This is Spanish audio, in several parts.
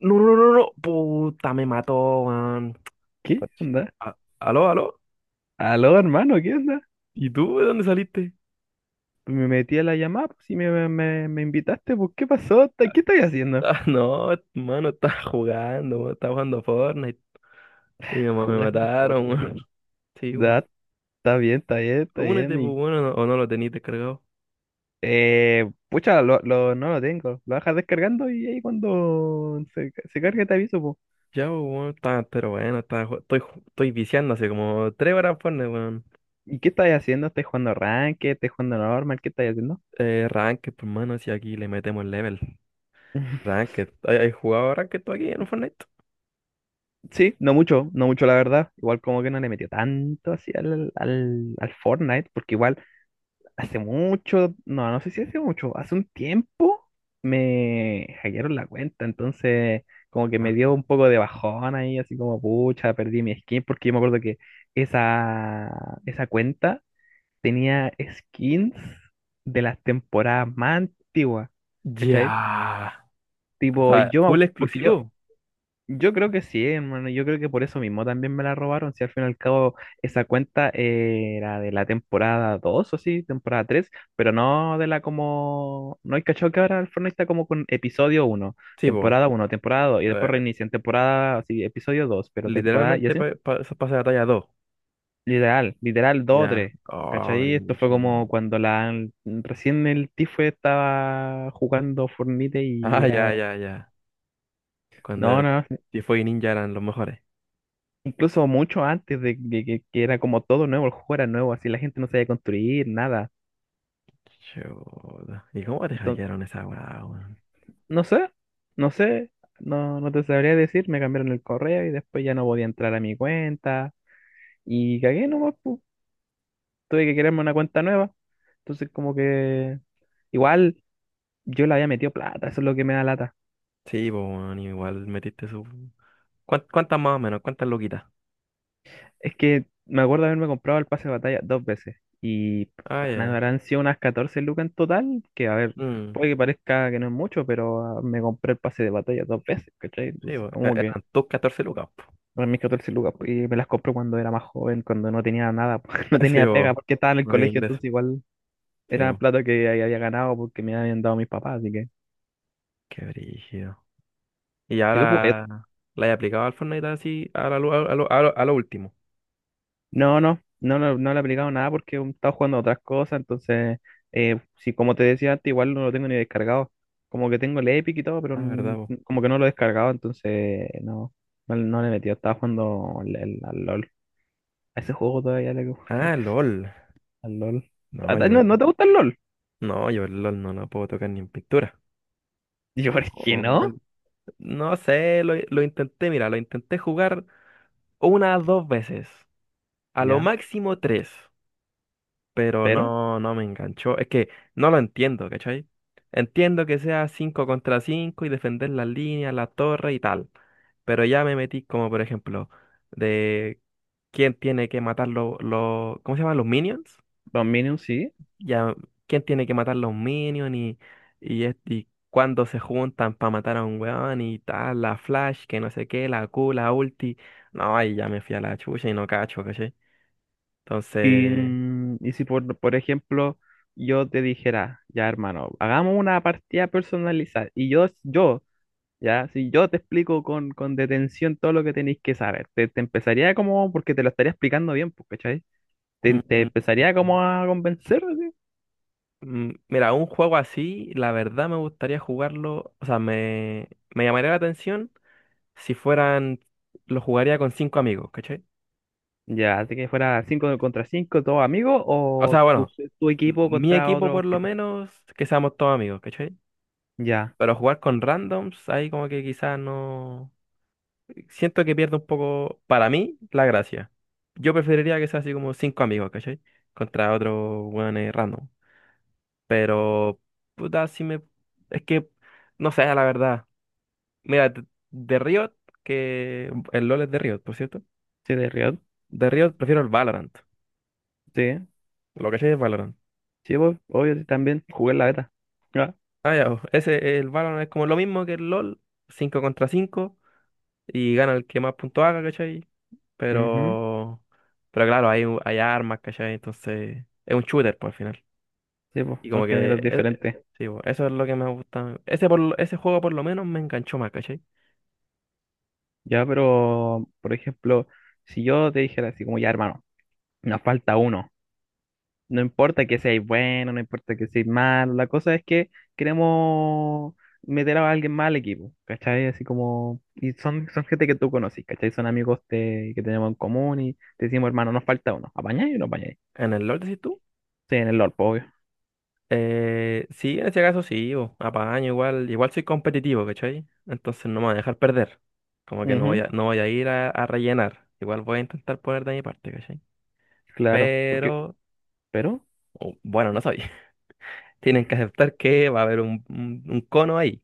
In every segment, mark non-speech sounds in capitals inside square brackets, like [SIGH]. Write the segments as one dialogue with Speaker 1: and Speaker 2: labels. Speaker 1: No, no, no, no. Puta, me mató, man.
Speaker 2: ¿Qué
Speaker 1: Puch.
Speaker 2: onda?
Speaker 1: Aló, aló.
Speaker 2: Aló, hermano, ¿qué onda?
Speaker 1: ¿Y tú de dónde saliste? [LAUGHS]
Speaker 2: Me metí a la llamada, pues si me invitaste, pues, ¿qué pasó? ¿Qué estás haciendo?
Speaker 1: Ah, no, mano, estaba jugando, man, estaba jugando Fortnite. Y me
Speaker 2: Jugando
Speaker 1: mataron,
Speaker 2: Fortnite.
Speaker 1: man. [LAUGHS] Sí, man.
Speaker 2: Da, está bien, está bien, está
Speaker 1: Únete,
Speaker 2: bien.
Speaker 1: pues
Speaker 2: Y
Speaker 1: bueno, o no lo tenías descargado.
Speaker 2: pucha, no lo tengo. Lo dejas descargando y ahí cuando se cargue te aviso, pues.
Speaker 1: Ya, pues bueno, está, pero bueno, está, estoy, estoy viciando hace como tres horas Fortnite, weón.
Speaker 2: ¿Y qué estás haciendo? ¿Estás jugando Ranked? ¿Estás jugando normal? ¿Qué estás haciendo?
Speaker 1: Ranked, pues mano, si aquí le metemos level.
Speaker 2: [LAUGHS]
Speaker 1: Ranked. ¿Hay jugado Ranked tú aquí en Fortnite?
Speaker 2: Sí, no mucho la verdad. Igual como que no le metió tanto así al Fortnite, porque igual hace mucho, no sé si hace mucho, hace un tiempo me hackearon la cuenta, entonces como que
Speaker 1: Ah.
Speaker 2: me dio un poco de bajón ahí, así como pucha, perdí mi skin, porque yo me acuerdo que esa, esa cuenta tenía skins de las temporadas más antiguas, ¿cachai?
Speaker 1: Ya. O
Speaker 2: Tipo,
Speaker 1: sea, full exclusivo.
Speaker 2: yo creo que sí, hermano. Yo creo que por eso mismo también me la robaron. Si al fin y al cabo esa cuenta era de la temporada 2 o sí, temporada tres, pero no de la como. No hay cachado que ahora el Fortnite está como con episodio uno,
Speaker 1: Sí,
Speaker 2: temporada uno, temporada 2, y después
Speaker 1: pues.
Speaker 2: reinician temporada, sí, episodio dos pero temporada, y
Speaker 1: Literalmente
Speaker 2: así.
Speaker 1: eso pasa de talla dos.
Speaker 2: Literal, literal dos o
Speaker 1: Ya.
Speaker 2: 3.
Speaker 1: Oh,
Speaker 2: ¿Cachai? Esto fue
Speaker 1: brígido.
Speaker 2: como cuando la recién el Tifue estaba jugando Fortnite y
Speaker 1: Ah, ya,
Speaker 2: era.
Speaker 1: ya, ya.
Speaker 2: No,
Speaker 1: Cuando
Speaker 2: no,
Speaker 1: Tifo y Ninja eran los mejores.
Speaker 2: Incluso mucho antes de que era como todo nuevo, el juego era nuevo, así la gente no sabía construir nada.
Speaker 1: Chuta. ¿Y cómo te
Speaker 2: Entonces,
Speaker 1: hackearon esa weá, weón?
Speaker 2: no sé, no sé, no, no te sabría decir, me cambiaron el correo y después ya no podía entrar a mi cuenta y cagué nomás, pu. Tuve que crearme una cuenta nueva. Entonces como que igual yo le había metido plata, eso es lo que me da lata.
Speaker 1: Sí, pues, weón, igual metiste su... Cuántas más o menos? ¿Cuántas loquitas?
Speaker 2: Es que me acuerdo haberme comprado el pase de batalla dos veces y,
Speaker 1: Ah,
Speaker 2: pues, nada,
Speaker 1: ya.
Speaker 2: habrán sido unas 14 lucas en total, que a ver,
Speaker 1: Mm,
Speaker 2: puede que parezca que no es mucho, pero me compré el pase de batalla dos veces, ¿cachai?
Speaker 1: sí,
Speaker 2: Entonces
Speaker 1: pues,
Speaker 2: como que
Speaker 1: eran tus 14 lucas, po.
Speaker 2: eran mis 14 lucas pues, y me las compré cuando era más joven, cuando no tenía nada, [LAUGHS] porque no
Speaker 1: [LAUGHS] Sí,
Speaker 2: tenía
Speaker 1: pues,
Speaker 2: pega, porque estaba en el
Speaker 1: no había
Speaker 2: colegio,
Speaker 1: ingreso.
Speaker 2: entonces igual
Speaker 1: Sí,
Speaker 2: era
Speaker 1: pues,
Speaker 2: plata que ahí había ganado porque me habían dado mis papás, así que...
Speaker 1: qué brígido. Y
Speaker 2: ¿Y tú jugaste
Speaker 1: ahora la he aplicado al Fortnite así a, a, lo, a lo último.
Speaker 2: No, le he aplicado nada porque he estado jugando a otras cosas, entonces si como te decía antes, igual no lo tengo ni descargado. Como que tengo el Epic y todo, pero
Speaker 1: Ah, verdad, pues.
Speaker 2: como que no lo he descargado, entonces no le he metido. Estaba jugando al LOL. A ese juego todavía le como
Speaker 1: Ah,
Speaker 2: que-
Speaker 1: LOL.
Speaker 2: al LOL.
Speaker 1: No, yo,
Speaker 2: ¿No, no te gusta el LOL?
Speaker 1: no, yo el LOL no lo puedo tocar ni en pintura.
Speaker 2: [LAUGHS] Y yo, ¿por qué
Speaker 1: O-
Speaker 2: no?
Speaker 1: No sé, lo intenté, mira, lo intenté jugar una dos veces, a lo
Speaker 2: Ya,
Speaker 1: máximo tres, pero
Speaker 2: pero
Speaker 1: no, no me enganchó. Es que no lo entiendo, ¿cachai? Entiendo que sea cinco contra cinco y defender las líneas, la torre y tal, pero ya me metí como, por ejemplo, de quién tiene que matar los ¿cómo se llaman? Los minions.
Speaker 2: Dominion sí.
Speaker 1: Ya quién tiene que matar los minions y, y cuándo se juntan para matar a un weón y tal, la Flash, que no sé qué, la Q, la ulti. No, ahí ya me fui a la chucha y no cacho, ¿cachai?
Speaker 2: Y,
Speaker 1: Entonces,
Speaker 2: mm, y si por ejemplo yo te dijera, ya hermano, hagamos una partida personalizada. Y yo Ya, si yo te explico con detención todo lo que tenéis que saber, te empezaría como, porque te lo estaría explicando bien, pues, ¿cachai? Te
Speaker 1: mm,
Speaker 2: empezaría como a convencer, así.
Speaker 1: mira, un juego así, la verdad me gustaría jugarlo, o sea, me llamaría la atención si fueran, lo jugaría con cinco amigos, ¿cachai?
Speaker 2: Ya, así que fuera 5 contra 5 todos amigos,
Speaker 1: O
Speaker 2: o
Speaker 1: sea,
Speaker 2: tu,
Speaker 1: bueno,
Speaker 2: tu equipo
Speaker 1: mi
Speaker 2: contra
Speaker 1: equipo
Speaker 2: otros
Speaker 1: por lo
Speaker 2: tipos.
Speaker 1: menos, que seamos todos amigos, ¿cachai?
Speaker 2: Ya,
Speaker 1: Pero jugar con randoms, ahí como que quizás no... Siento que pierde un poco, para mí, la gracia. Yo preferiría que sea así como cinco amigos, ¿cachai? Contra otro weón random. Pero, puta, si me... Es que, no sé, la verdad. Mira, de Riot, que... El LoL es de Riot, por cierto.
Speaker 2: sí, de Riot,
Speaker 1: De Riot prefiero el Valorant.
Speaker 2: sí.
Speaker 1: Lo que sé es Valorant.
Speaker 2: Sí, pues, obvio, sí, también jugué en la beta. Ya.
Speaker 1: Ah, ya, oh, ese, el Valorant es como lo mismo que el LoL, 5 contra 5 y gana el que más puntos haga, ¿cachai?
Speaker 2: Ujú,
Speaker 1: Pero, pero claro, hay, hay armas, ¿cachai? Entonces, es un shooter, pues, al final.
Speaker 2: sí, pues,
Speaker 1: Y
Speaker 2: son
Speaker 1: como que,
Speaker 2: géneros diferentes.
Speaker 1: sí, pues, eso es lo que me gusta. Ese, ese juego por lo menos me enganchó más, ¿cachai?
Speaker 2: Ya, pero, por ejemplo, si yo te dijera así como, ya, hermano, nos falta uno. No importa que seáis bueno, no importa que seáis malo, la cosa es que queremos meter a alguien más al equipo, ¿cachai? Así como, y son gente que tú conoces, ¿cachai? Son amigos de- que tenemos en común y te decimos, hermano, nos falta uno, ¿apañáis o no apañáis?
Speaker 1: En el Lord decís tú.
Speaker 2: Sí, en el LOL, pues, obvio.
Speaker 1: Sí, en ese caso sí, bo, apaño igual, igual soy competitivo, ¿cachai? Entonces no me voy a dejar perder. Como que no voy
Speaker 2: Ujú,
Speaker 1: a, no voy a ir a rellenar. Igual voy a intentar poner de mi parte, ¿cachai?
Speaker 2: claro, porque,
Speaker 1: Pero,
Speaker 2: pero...
Speaker 1: oh, bueno, no soy. Tienen que aceptar que va a haber un, un cono ahí,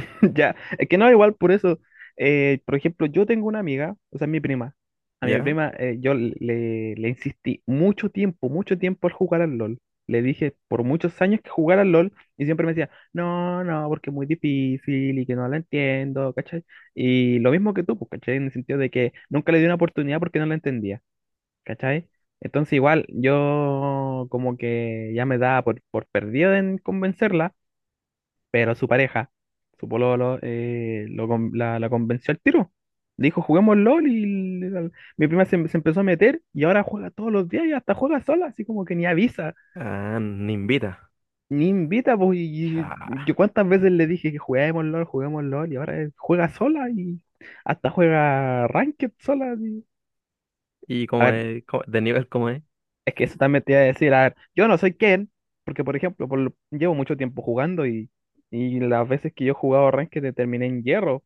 Speaker 2: [LAUGHS] Ya, es que no, igual por eso por ejemplo, yo tengo una amiga, o sea, mi prima, a mi
Speaker 1: ¿ya?
Speaker 2: prima yo le insistí mucho tiempo al jugar al LOL. Le dije por muchos años que jugar al LOL y siempre me decía, no, no, porque es muy difícil y que no la entiendo, ¿cachai? Y lo mismo que tú, pues, ¿cachai? En el sentido de que nunca le di una oportunidad porque no la entendía, ¿cachai? Entonces igual yo como que ya me daba por perdido en convencerla, pero su pareja, su pololo, la convenció al tiro. Le dijo, juguemos LOL mi prima se empezó a meter y ahora juega todos los días y hasta juega sola, así como que ni avisa,
Speaker 1: Ah, ni invita.
Speaker 2: ni invita. Pues, y
Speaker 1: Ya.
Speaker 2: yo cuántas veces le dije que juguemos LOL y ahora juega sola y hasta juega Ranked sola. Así.
Speaker 1: ¿Y
Speaker 2: A
Speaker 1: cómo
Speaker 2: ver,
Speaker 1: es? De nivel cómo es?
Speaker 2: es que eso también te iba a decir, a ver, yo no soy Ken, porque por ejemplo, llevo mucho tiempo jugando y las veces que yo he jugado Ranked terminé en hierro.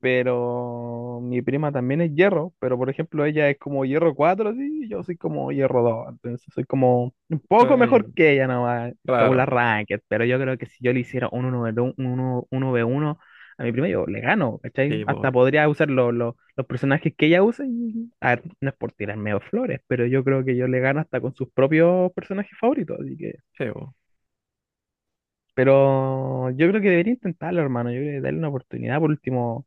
Speaker 2: Pero mi prima también es hierro, pero por ejemplo ella es como hierro 4 así, y yo soy como hierro dos, entonces soy como un poco mejor
Speaker 1: Ay,
Speaker 2: que ella nomás, según la
Speaker 1: claro.
Speaker 2: ranked, pero yo creo que si yo le hiciera un uno v uno uno 1 1v1 a mi prima, yo le gano, ¿cachai?
Speaker 1: Sí, voy.
Speaker 2: Hasta podría usar los personajes que ella usa, y, a ver, no es por tirarme flores, pero yo creo que yo le gano hasta con sus propios personajes favoritos, así que...
Speaker 1: Sí, bo.
Speaker 2: Pero yo creo que debería intentarlo, hermano, yo creo que darle una oportunidad por último,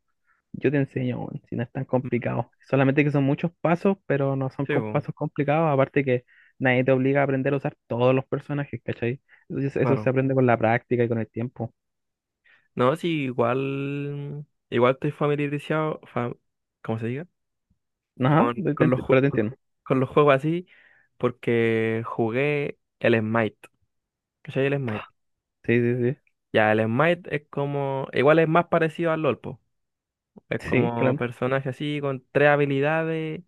Speaker 2: yo te enseño, weón, si no es tan
Speaker 1: Mm,
Speaker 2: complicado. Solamente que son muchos pasos, pero no son
Speaker 1: sí,
Speaker 2: com-
Speaker 1: bo.
Speaker 2: pasos complicados. Aparte que nadie te obliga a aprender a usar todos los personajes, ¿cachai? Entonces eso se
Speaker 1: Claro.
Speaker 2: aprende con la práctica y con el tiempo.
Speaker 1: No, sí, igual. Igual estoy familiarizado. ¿Cómo se diga?
Speaker 2: Ajá,
Speaker 1: Con
Speaker 2: pero te entiendo.
Speaker 1: con los juegos así, porque jugué el Smite. ¿Cachai? El Smite.
Speaker 2: Sí, sí, sí.
Speaker 1: Ya, el Smite es como. Igual es más parecido al LOL, po. Es
Speaker 2: Sí,
Speaker 1: como
Speaker 2: claro.
Speaker 1: personaje así con tres habilidades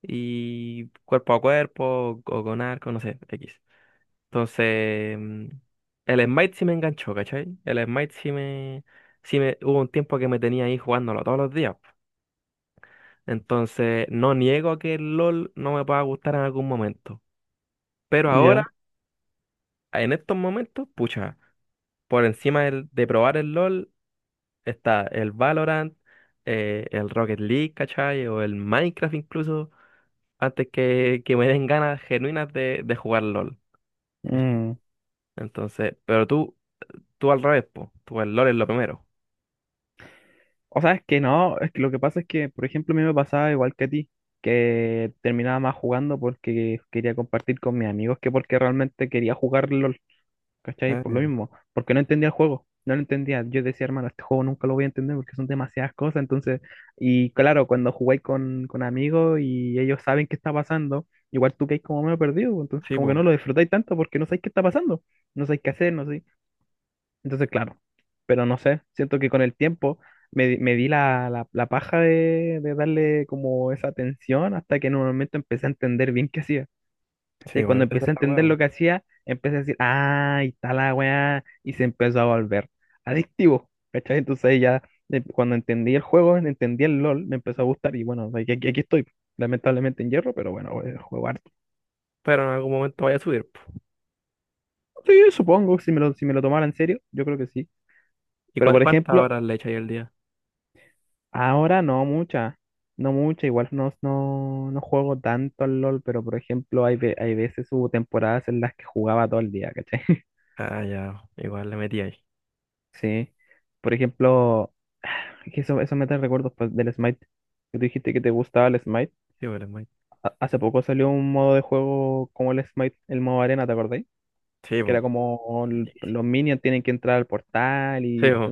Speaker 1: y cuerpo a cuerpo o con arco, no sé, X. Entonces, el Smite sí me enganchó, ¿cachai? El Smite sí me, hubo un tiempo que me tenía ahí jugándolo todos los días. Entonces, no niego que el LOL no me pueda gustar en algún momento. Pero ahora,
Speaker 2: Ya.
Speaker 1: en estos momentos, pucha, por encima de probar el LOL está el Valorant, el Rocket League, ¿cachai? O el Minecraft incluso, antes que me den ganas genuinas de jugar LOL.
Speaker 2: Mm.
Speaker 1: Entonces, pero tú al revés, po. Tú el lore es lo primero.
Speaker 2: O sea, es que no, es que lo que pasa es que, por ejemplo, a mí me pasaba igual que a ti, que terminaba más jugando porque quería compartir con mis amigos que porque realmente quería jugarlo, ¿cachai?
Speaker 1: Ah,
Speaker 2: Por lo
Speaker 1: ya.
Speaker 2: mismo, porque no entendía el juego, no lo entendía. Yo decía, hermano, este juego nunca lo voy a entender porque son demasiadas cosas. Entonces, y claro, cuando jugáis con amigos y ellos saben qué está pasando, igual tú quedáis como medio perdido, pues, entonces
Speaker 1: Sí,
Speaker 2: como que
Speaker 1: po.
Speaker 2: no lo disfrutáis tanto porque no sabéis qué está pasando, no sabéis qué hacer, no sé. Entonces, claro, pero no sé, siento que con el tiempo me di la paja de darle como esa atención hasta que en un momento empecé a entender bien qué hacía. ¿Cachai?
Speaker 1: Sí, po.
Speaker 2: Cuando
Speaker 1: Esa es
Speaker 2: empecé a
Speaker 1: la
Speaker 2: entender
Speaker 1: huevo.
Speaker 2: lo que hacía, empecé a decir, ah, ahí está la weá, y se empezó a volver adictivo, ¿cachai? Entonces ahí ya, cuando entendí el juego, entendí el LOL, me empezó a gustar y bueno, aquí estoy, lamentablemente en hierro, pero bueno, juego harto.
Speaker 1: Pero en algún momento vaya a subir, po.
Speaker 2: Sí, supongo, si me lo tomara en serio, yo creo que sí.
Speaker 1: ¿Y
Speaker 2: Pero por
Speaker 1: cuántas
Speaker 2: ejemplo,
Speaker 1: horas le echas ahí al día?
Speaker 2: ahora no mucha, no mucha, igual no juego tanto al LOL, pero por ejemplo, hay veces hubo temporadas en las que jugaba todo el día, ¿cachai? [LAUGHS]
Speaker 1: Ah, ya. Igual le metí ahí.
Speaker 2: Sí. Por ejemplo, [SIGHS] es que eso me trae recuerdos pues, del Smite. Que tú dijiste que te gustaba el Smite.
Speaker 1: Sí, po, le metí.
Speaker 2: Hace poco salió un modo de juego como el Smite, el modo arena, ¿te acordáis?
Speaker 1: Sí,
Speaker 2: Que era
Speaker 1: po.
Speaker 2: como los
Speaker 1: Metidísimo.
Speaker 2: minions tienen que entrar al portal
Speaker 1: Sí,
Speaker 2: y
Speaker 1: po.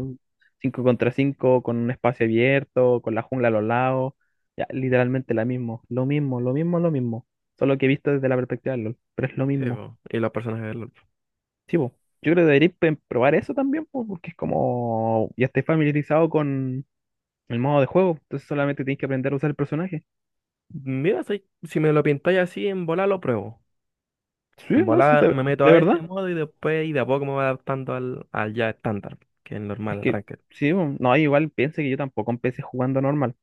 Speaker 2: 5 contra 5 con un espacio abierto, con la jungla a los lados. Ya, literalmente la mismo. Lo mismo, lo mismo, lo mismo. Solo que he visto desde la perspectiva de LOL. Pero es lo
Speaker 1: Sí,
Speaker 2: mismo.
Speaker 1: po. Y los personajes del LoL.
Speaker 2: Sí, po. Yo creo que deberíais probar eso también, po, porque es como ya estáis familiarizado con el modo de juego. Entonces solamente tienes que aprender a usar el personaje.
Speaker 1: Mira, si, si me lo pintáis así en bola, lo pruebo.
Speaker 2: Sí,
Speaker 1: En
Speaker 2: no, sí,
Speaker 1: volada me meto
Speaker 2: de
Speaker 1: a ese
Speaker 2: verdad.
Speaker 1: modo y después y de a poco me voy adaptando al, al ya estándar, que es el
Speaker 2: Es
Speaker 1: normal, el
Speaker 2: que,
Speaker 1: ranked.
Speaker 2: sí, bueno, no, igual piense que yo tampoco empecé jugando normal.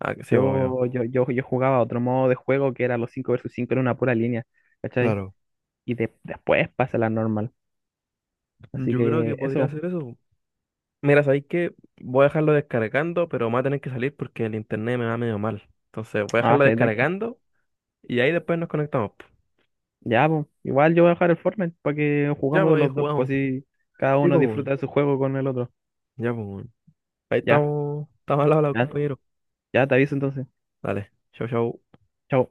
Speaker 1: Ah, que sí, pues, obvio.
Speaker 2: Yo jugaba otro modo de juego que era los 5 versus 5 en una pura línea, ¿cachai?
Speaker 1: Claro.
Speaker 2: Después pasa la normal. Así
Speaker 1: Yo creo
Speaker 2: que
Speaker 1: que podría
Speaker 2: eso,
Speaker 1: hacer eso. Mira, sabéis que voy a dejarlo descargando, pero me va a tener que salir porque el internet me va medio mal. Entonces voy a
Speaker 2: ah,
Speaker 1: dejarlo
Speaker 2: sí, tranqui.
Speaker 1: descargando y ahí después nos conectamos.
Speaker 2: Ya, pues, igual yo voy a dejar el Fortnite para que
Speaker 1: Ya,
Speaker 2: jugamos
Speaker 1: pues ahí
Speaker 2: los dos, pues
Speaker 1: jugamos.
Speaker 2: así cada
Speaker 1: Sí, pues,
Speaker 2: uno disfruta
Speaker 1: weón.
Speaker 2: de su juego con el otro.
Speaker 1: Ya, pues, weón. Ahí
Speaker 2: Ya,
Speaker 1: estamos. Estamos al lado,
Speaker 2: ya,
Speaker 1: compañero.
Speaker 2: ya te aviso entonces.
Speaker 1: Dale. Chau, chau.
Speaker 2: Chao.